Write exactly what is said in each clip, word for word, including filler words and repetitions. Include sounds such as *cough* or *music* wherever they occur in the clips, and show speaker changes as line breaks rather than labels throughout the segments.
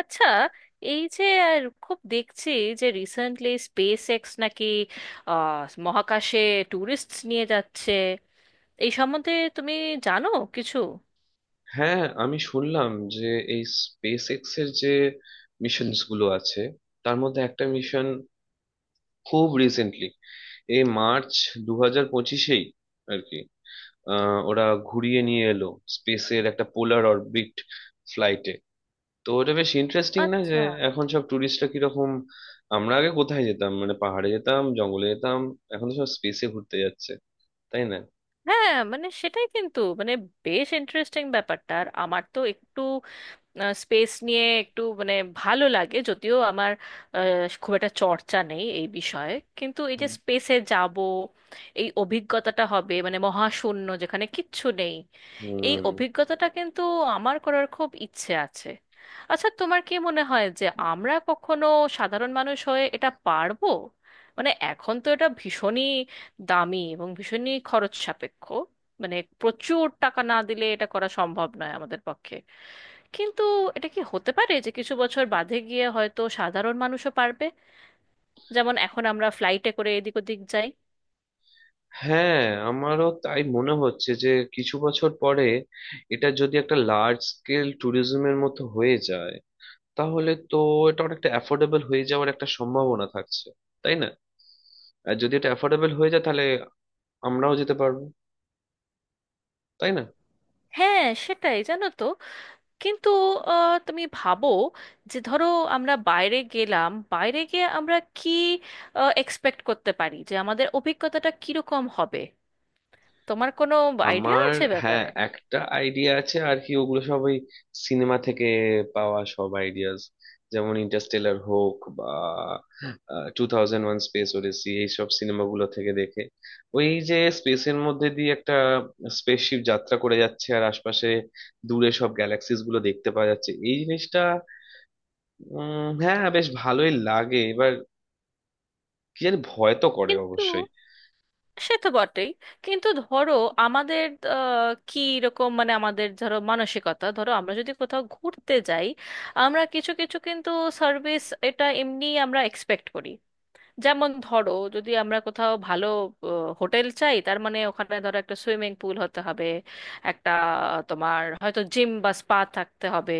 আচ্ছা। এই যে আর খুব দেখছি যে রিসেন্টলি স্পেস এক্স নাকি আহ, মহাকাশে ট্যুরিস্ট নিয়ে যাচ্ছে, এই সম্বন্ধে তুমি জানো কিছু?
হ্যাঁ, আমি শুনলাম যে এই স্পেস এক্স এর যে মিশনস গুলো আছে, তার মধ্যে একটা মিশন খুব রিসেন্টলি এই মার্চ দু হাজার পঁচিশেই আর কি, আহ, ওরা ঘুরিয়ে নিয়ে এলো স্পেসের একটা পোলার অরবিট ফ্লাইটে। তো ওটা বেশ ইন্টারেস্টিং না? যে
আচ্ছা,
এখন সব ট্যুরিস্টরা কিরকম, আমরা আগে কোথায় যেতাম, মানে পাহাড়ে যেতাম, জঙ্গলে যেতাম, এখন তো সব স্পেসে ঘুরতে যাচ্ছে, তাই না?
হ্যাঁ মানে সেটাই, কিন্তু মানে বেশ ইন্টারেস্টিং ব্যাপারটা। আর আমার তো একটু স্পেস নিয়ে একটু মানে ভালো লাগে, যদিও আমার আহ, খুব একটা চর্চা নেই এই বিষয়ে। কিন্তু এই যে স্পেসে যাব, এই অভিজ্ঞতাটা হবে মানে মহাশূন্য যেখানে কিচ্ছু নেই, এই
হুম।
অভিজ্ঞতাটা কিন্তু আমার করার খুব ইচ্ছে আছে। আচ্ছা, তোমার কি মনে হয় যে আমরা কখনো সাধারণ মানুষ হয়ে এটা পারবো? মানে এখন তো এটা ভীষণই দামি এবং ভীষণই খরচ সাপেক্ষ, মানে প্রচুর টাকা না দিলে এটা করা সম্ভব নয় আমাদের পক্ষে। কিন্তু এটা কি হতে পারে যে কিছু বছর বাদে গিয়ে হয়তো সাধারণ মানুষও পারবে, যেমন এখন আমরা ফ্লাইটে করে এদিক ওদিক যাই?
হ্যাঁ, আমারও তাই মনে হচ্ছে যে কিছু বছর পরে এটা যদি একটা লার্জ স্কেল ট্যুরিজমের মতো হয়ে যায়, তাহলে তো এটা অনেকটা অ্যাফোর্ডেবল হয়ে যাওয়ার একটা সম্ভাবনা থাকছে, তাই না? আর যদি এটা অ্যাফোর্ডেবল হয়ে যায় তাহলে আমরাও যেতে পারবো, তাই না?
হ্যাঁ সেটাই, জানো তো, কিন্তু আহ, তুমি ভাবো যে ধরো আমরা বাইরে গেলাম, বাইরে গিয়ে আমরা কি এক্সপেক্ট করতে পারি যে আমাদের অভিজ্ঞতাটা কিরকম হবে? তোমার কোনো আইডিয়া
আমার
আছে
হ্যাঁ,
ব্যাপারে?
একটা আইডিয়া আছে আর কি, ওগুলো সব ওই সিনেমা থেকে পাওয়া সব আইডিয়াস, যেমন ইন্টারস্টেলার হোক বা two thousand one Space Odyssey, এইসব সিনেমাগুলো থেকে দেখে ওই যে স্পেসের মধ্যে দিয়ে একটা স্পেসশিপ যাত্রা করে যাচ্ছে আর আশপাশে দূরে সব গ্যালাক্সিস গুলো দেখতে পাওয়া যাচ্ছে, এই জিনিসটা উম হ্যাঁ, বেশ ভালোই লাগে। এবার কি জানি, ভয় তো করে
কিন্তু
অবশ্যই।
সে তো বটেই, কিন্তু ধরো আমাদের আহ, কি রকম, মানে আমাদের ধরো মানসিকতা, ধরো আমরা যদি কোথাও ঘুরতে যাই, আমরা কিছু কিছু কিন্তু সার্ভিস এটা এমনি আমরা এক্সপেক্ট করি। যেমন ধরো যদি আমরা কোথাও ভালো হোটেল চাই, তার মানে ওখানে ধরো একটা সুইমিং পুল হতে হবে, একটা, তোমার হয়তো জিম বা স্পা থাকতে হবে,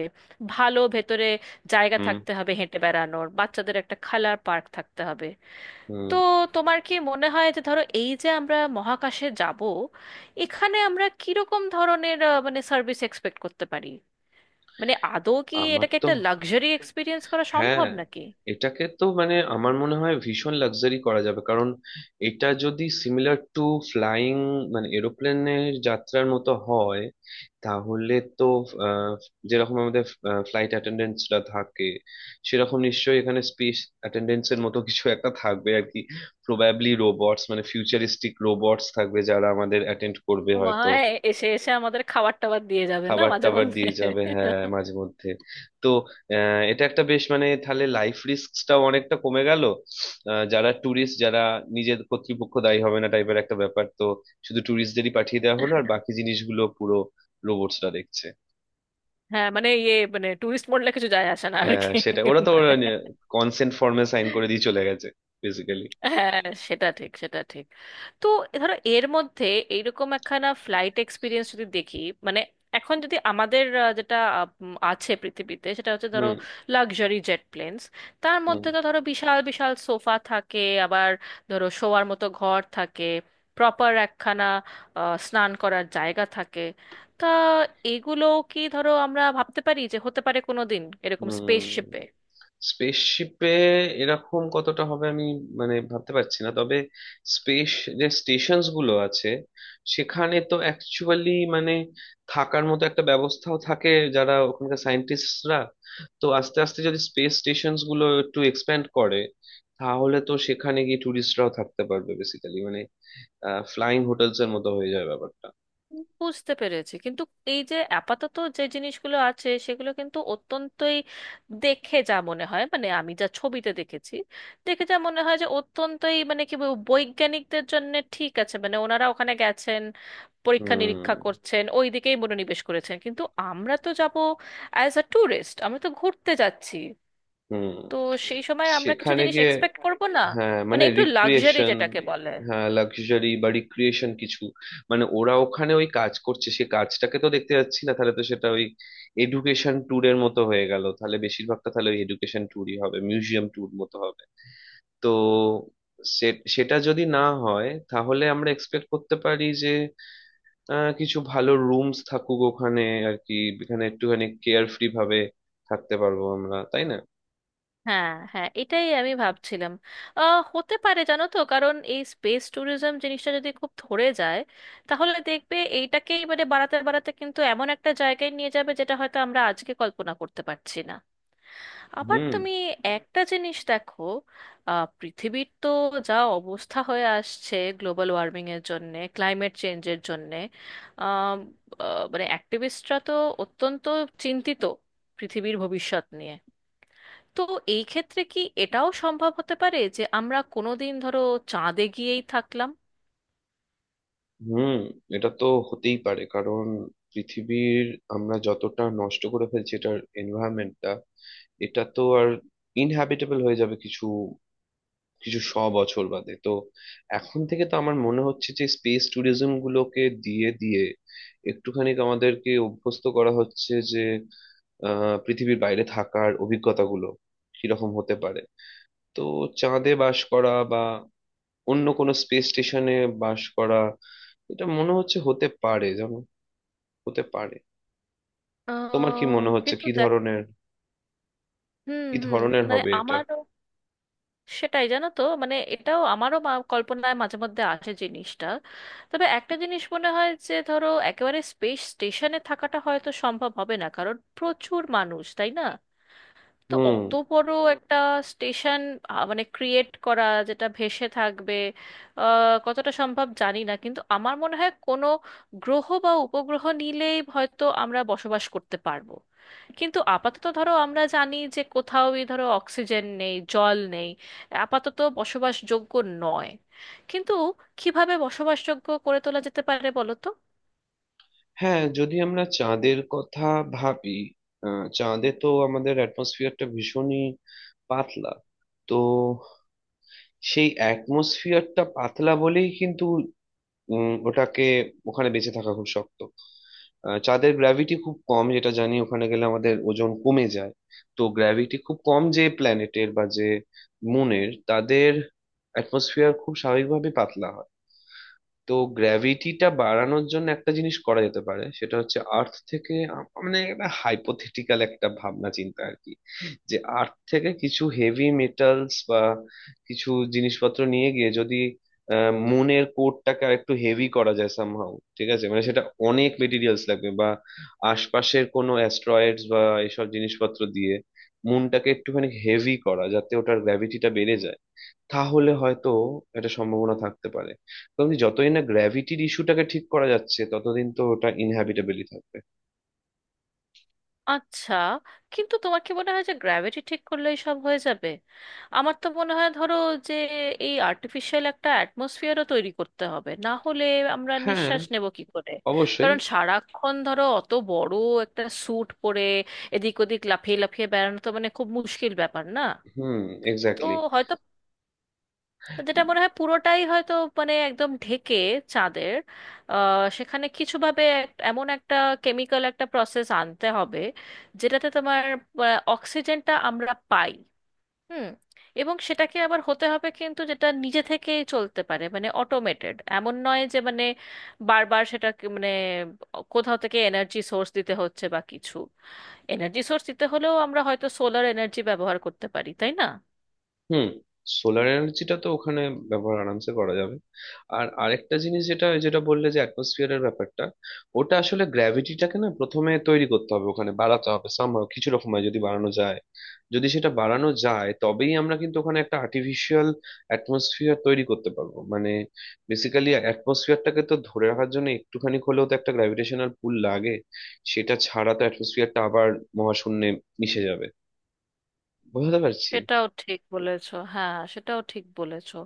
ভালো ভেতরে জায়গা
হুম
থাকতে হবে হেঁটে বেড়ানোর, বাচ্চাদের একটা খেলার পার্ক থাকতে হবে।
হুম।
তো তোমার কি মনে হয় যে ধরো এই যে আমরা মহাকাশে যাব, এখানে আমরা কিরকম ধরনের আহ, মানে সার্ভিস এক্সপেক্ট করতে পারি? মানে আদৌ কি
আমার
এটাকে
তো
একটা লাক্সারি এক্সপিরিয়েন্স করা
হ্যাঁ,
সম্ভব নাকি?
এটাকে তো মানে আমার মনে হয় ভীষণ লাক্সারি করা যাবে, কারণ এটা যদি সিমিলার টু ফ্লাইং মানে এরোপ্লেনের যাত্রার মতো হয়, তাহলে তো আহ, যেরকম আমাদের ফ্লাইট অ্যাটেন্ডেন্টসরা থাকে, সেরকম নিশ্চয়ই এখানে স্পেস অ্যাটেন্ডেন্টসের মতো কিছু একটা থাকবে আর কি। প্রবাবলি রোবটস, মানে ফিউচারিস্টিক রোবটস থাকবে যারা আমাদের অ্যাটেন্ড করবে
ও মা
হয়তো।
হয়, এসে এসে আমাদের খাবার টাবার দিয়ে যাবে না
খাবার
মাঝে
টাবার
মধ্যে?
দিয়ে যাবে, হ্যাঁ, মাঝে মধ্যে। তো আহ, এটা একটা বেশ মানে তাহলে লাইফ রিস্কটাও অনেকটা কমে গেল। আহ, যারা ট্যুরিস্ট যারা নিজের কর্তৃপক্ষ দায়ী হবে না টাইপের একটা ব্যাপার, তো শুধু ট্যুরিস্টদেরই পাঠিয়ে দেওয়া হলো আর বাকি জিনিসগুলো পুরো রোবটসরা দেখছে।
হ্যাঁ মানে ইয়ে মানে টুরিস্ট মোডলে কিছু যায় আসে না আর
হ্যাঁ,
কি।
সেটা ওরা তো
*laughs*
কনসেন্ট ফর্মে সাইন করে দিয়ে চলে গেছে বেসিক্যালি।
হ্যাঁ, সেটা ঠিক, সেটা ঠিক। তো ধরো এর মধ্যে এইরকম একখানা ফ্লাইট এক্সপিরিয়েন্স যদি দেখি, মানে এখন যদি আমাদের আহ, যেটা আহ, উম, আছে পৃথিবীতে, সেটা হচ্ছে ধরো
হুম
লাক্সারি জেট প্লেনস, তার
হুম
মধ্যে তো ধরো বিশাল বিশাল সোফা থাকে, আবার ধরো শোয়ার মতো ঘর থাকে, প্রপার একখানা আহ, স্নান করার জায়গা থাকে। তা এগুলো কি ধরো আমরা ভাবতে পারি যে হতে পারে কোনো দিন এরকম
হুম।
স্পেসশিপে?
স্পেসশিপে এরকম কতটা হবে আমি মানে ভাবতে পারছি না, তবে স্পেস যে স্টেশনস গুলো আছে সেখানে তো অ্যাকচুয়ালি মানে থাকার মতো একটা ব্যবস্থাও থাকে, যারা ওখানকার সায়েন্টিস্টরা। তো আস্তে আস্তে যদি স্পেস স্টেশনস গুলো একটু এক্সপ্যান্ড করে তাহলে তো সেখানে গিয়ে ট্যুরিস্টরাও থাকতে পারবে, বেসিক্যালি মানে ফ্লাইং হোটেলস এর মতো হয়ে যায় ব্যাপারটা।
বুঝতে পেরেছি, কিন্তু এই যে আপাতত যে জিনিসগুলো আছে সেগুলো কিন্তু অত্যন্তই, দেখে যা মনে হয় মানে আমি যা ছবিতে দেখেছি, দেখে যা মনে হয় যে অত্যন্তই মানে কি বলবো, বৈজ্ঞানিকদের জন্য ঠিক আছে, মানে ওনারা ওখানে গেছেন পরীক্ষা
হুম
নিরীক্ষা করছেন, ওই দিকেই মনোনিবেশ করেছেন, কিন্তু আমরা তো যাব অ্যাজ আ ট্যুরিস্ট, আমরা তো ঘুরতে যাচ্ছি।
হুম।
তো সেই সময় আমরা কিছু
সেখানে
জিনিস
গিয়ে
এক্সপেক্ট করব না?
হ্যাঁ
মানে
মানে
একটু লাক্সারি
রিক্রিয়েশন,
যেটাকে বলে।
হ্যাঁ লাক্সারি বা রিক্রিয়েশন কিছু, মানে ওরা ওখানে ওই কাজ করছে সে কাজটাকে তো দেখতে যাচ্ছি না, তাহলে তো সেটা ওই এডুকেশন ট্যুরের মতো হয়ে গেল, তাহলে বেশিরভাগটা তাহলে ওই এডুকেশন ট্যুরই হবে, মিউজিয়াম ট্যুর মতো হবে। তো সে- সেটা যদি না হয় তাহলে আমরা এক্সপেক্ট করতে পারি যে আহ, কিছু ভালো রুমস থাকুক ওখানে আর কি, এখানে একটুখানি কেয়ার ফ্রি ভাবে থাকতে পারবো আমরা, তাই না?
হ্যাঁ হ্যাঁ, এটাই আমি ভাবছিলাম। আহ হতে পারে, জানো তো, কারণ এই স্পেস ট্যুরিজম জিনিসটা যদি খুব ধরে যায়, তাহলে দেখবে এইটাকেই মানে বাড়াতে বাড়াতে কিন্তু এমন একটা জায়গায় নিয়ে যাবে যেটা হয়তো আমরা আজকে কল্পনা করতে পারছি না। আবার
হুম
তুমি একটা জিনিস দেখো, আহ পৃথিবীর তো যা অবস্থা হয়ে আসছে গ্লোবাল ওয়ার্মিং এর জন্যে, ক্লাইমেট চেঞ্জের জন্যে, আম, আহ, মানে অ্যাক্টিভিস্টরা তো অত্যন্ত চিন্তিত পৃথিবীর ভবিষ্যৎ নিয়ে। তো এই ক্ষেত্রে কি এটাও সম্ভব হতে পারে যে আমরা কোনোদিন ধরো চাঁদে গিয়েই থাকলাম?
হুম। এটা তো হতেই পারে, কারণ পৃথিবীর, আমরা যতটা নষ্ট করে ফেলছি এটার এনভায়রনমেন্টটা, এটা তো আর ইনহ্যাবিটেবল হয়ে যাবে কিছু কিছু শ বছর বাদে তো। এখন থেকে তো আমার মনে হচ্ছে যে স্পেস ট্যুরিজম গুলোকে দিয়ে দিয়ে একটুখানি আমাদেরকে অভ্যস্ত করা হচ্ছে যে আহ, পৃথিবীর বাইরে থাকার অভিজ্ঞতাগুলো কিরকম হতে পারে। তো চাঁদে বাস করা বা অন্য কোনো স্পেস স্টেশনে বাস করা, এটা মনে হচ্ছে হতে পারে। যেমন হতে পারে, তোমার কি
আহ,
মনে হচ্ছে
কিন্তু
কি
দেখ,
ধরনের,
হুম
কি
হুম,
ধরনের
মানে
হবে এটা?
আমারও সেটাই, জানো তো, মানে এটাও আমারও মা- কল্পনায় মাঝে মধ্যে আসে জিনিসটা। তবে একটা জিনিস মনে হয় যে ধরো একেবারে স্পেস স্টেশনে থাকাটা হয়তো সম্ভব হবে না, কারণ প্রচুর মানুষ, তাই না? তো
হুম।
অত বড় একটা স্টেশন মানে ক্রিয়েট করা যেটা ভেসে থাকবে, আহ, কতটা সম্ভব জানি না। কিন্তু আমার মনে হয় কোনো গ্রহ বা উপগ্রহ নিলেই হয়তো আমরা বসবাস করতে পারবো। কিন্তু আপাতত ধরো আমরা জানি যে কোথাওই ধরো অক্সিজেন নেই, জল নেই, আপাতত বসবাসযোগ্য নয়। কিন্তু কিভাবে বসবাসযোগ্য করে তোলা যেতে পারে বলো তো?
হ্যাঁ, যদি আমরা চাঁদের কথা ভাবি, আহ, চাঁদে তো আমাদের অ্যাটমসফিয়ারটা ভীষণই পাতলা। তো সেই অ্যাটমসফিয়ারটা পাতলা বলেই কিন্তু উম, ওটাকে ওখানে বেঁচে থাকা খুব শক্ত। আহ, চাঁদের গ্র্যাভিটি খুব কম, যেটা জানি ওখানে গেলে আমাদের ওজন কমে যায়। তো গ্র্যাভিটি খুব কম যে প্ল্যানেটের বা যে মুনের, তাদের অ্যাটমসফিয়ার খুব স্বাভাবিকভাবে পাতলা হয়। তো গ্র্যাভিটিটা বাড়ানোর জন্য একটা জিনিস করা যেতে পারে, সেটা হচ্ছে আর্থ থেকে আ- মানে একটা হাইপোথেটিক্যাল একটা ভাবনা চিন্তা আর কি, যে আর্থ থেকে কিছু হেভি মেটালস বা কিছু জিনিসপত্র নিয়ে গিয়ে যদি আহ, মুনের কোরটাকে আর একটু হেভি করা যায় সামহাউ, ঠিক আছে মানে সেটা অনেক মেটেরিয়ালস লাগবে বা আশপাশের কোনো অ্যাস্ট্রয়েডস বা এসব জিনিসপত্র দিয়ে মুনটাকে একটুখানি হেভি করা যাতে ওটার গ্র্যাভিটিটা বেড়ে যায়, তাহলে হয়তো একটা সম্ভাবনা থাকতে পারে। কারণ কি, যতদিন না গ্র্যাভিটির ইস্যুটাকে ঠিক করা যাচ্ছে ততদিন তো ওটা ইনহ্যাবিটেবলই থাকবে।
আচ্ছা, কিন্তু তোমার কি মনে হয় যে গ্র্যাভিটি ঠিক করলেই সব হয়ে যাবে? আমার তো মনে হয় ধরো যে এই আর্টিফিশিয়াল একটা অ্যাটমসফিয়ারও তৈরি করতে হবে, না হলে আমরা
হ্যাঁ,
নিঃশ্বাস নেব কি করে?
অবশ্যই।
কারণ সারাক্ষণ ধরো অত বড় একটা স্যুট পরে এদিক ওদিক লাফিয়ে লাফিয়ে বেড়ানো তো মানে খুব মুশকিল ব্যাপার, না?
হুম,
তো
এক্স্যাক্টলি।
যেটা মনে হয় পুরোটাই হয়তো মানে একদম ঢেকে চাঁদের আহ, সেখানে কিছু ভাবে এক- এমন একটা কেমিক্যাল একটা প্রসেস আনতে হবে যেটাতে তোমার আহ, অক্সিজেনটা আমরা পাই। হুম। এবং সেটাকে আবার হতে হবে কিন্তু যেটা নিজে থেকেই চলতে পারে মানে অটোমেটেড, এমন নয় যে মানে বারবার সেটা মানে কোথাও থেকে এনার্জি সোর্স দিতে হচ্ছে বা কিছু। এনার্জি সোর্স দিতে হলেও আমরা হয়তো সোলার এনার্জি ব্যবহার করতে পারি, তাই না?
হুম। সোলার এনার্জিটা তো ওখানে ব্যবহার আরামসে করা যাবে। আর আরেকটা জিনিস, যেটা যেটা বললে যে অ্যাটমসফিয়ারের ব্যাপারটা, ওটা আসলে গ্র্যাভিটিটাকে না প্রথমে তৈরি করতে হবে ওখানে, বাড়াতে হবে সামহাও কিছু রকম হয়। যদি বাড়ানো যায়, যদি সেটা বাড়ানো যায় তবেই আমরা কিন্তু ওখানে একটা আর্টিফিশিয়াল অ্যাটমসফিয়ার তৈরি করতে পারবো, মানে বেসিক্যালি অ্যাটমসফিয়ারটাকে তো ধরে রাখার জন্য একটুখানি হলেও তো একটা গ্র্যাভিটেশনাল পুল লাগে, সেটা ছাড়া তো অ্যাটমসফিয়ারটা আবার মহাশূন্যে মিশে যাবে। বুঝতে পারছি।
সেটাও ঠিক বলেছো, হ্যাঁ সেটাও ঠিক বলেছো।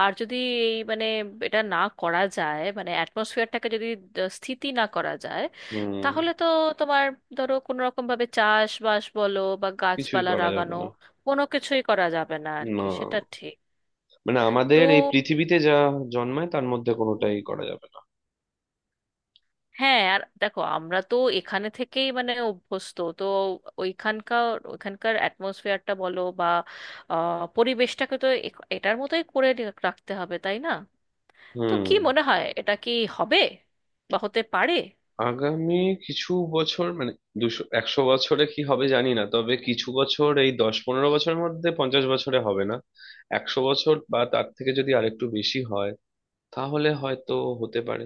আর যদি এই মানে এটা না করা যায়, মানে অ্যাটমসফিয়ারটাকে যদি দ- স্থিতি না করা যায়,
হুম।
তাহলে তো তোমার ধরো কোনো রকম ভাবে চাষবাস বলো বা
কিছুই
গাছপালা
করা যাবে
লাগানো
না।
কোনো কিছুই করা যাবে না আর কি,
না,
সেটা ঠিক।
মানে
তো
আমাদের এই পৃথিবীতে যা জন্মায় তার মধ্যে কোনোটাই
হুম,
করা যাবে না।
হ্যাঁ, আর দেখো আমরা তো এখানে থেকেই মানে অভ্যস্ত তো, ওইখানকার, ওইখানকার অ্যাটমসফিয়ারটা বলো বা আহ, পরিবেশটাকে তো এ- এটার মতোই করে রাখতে হবে, তাই না? তো কি
হুম।
মনে হয়, এটা কি হবে বা হতে পারে?
আগামী কিছু বছর মানে দুশো একশো বছরে কি হবে জানি না, তবে কিছু বছর এই দশ পনেরো বছরের মধ্যে, পঞ্চাশ বছরে হবে না। একশো বছর বা তার থেকে যদি আরেকটু বেশি হয় তাহলে হয়তো হতে পারে।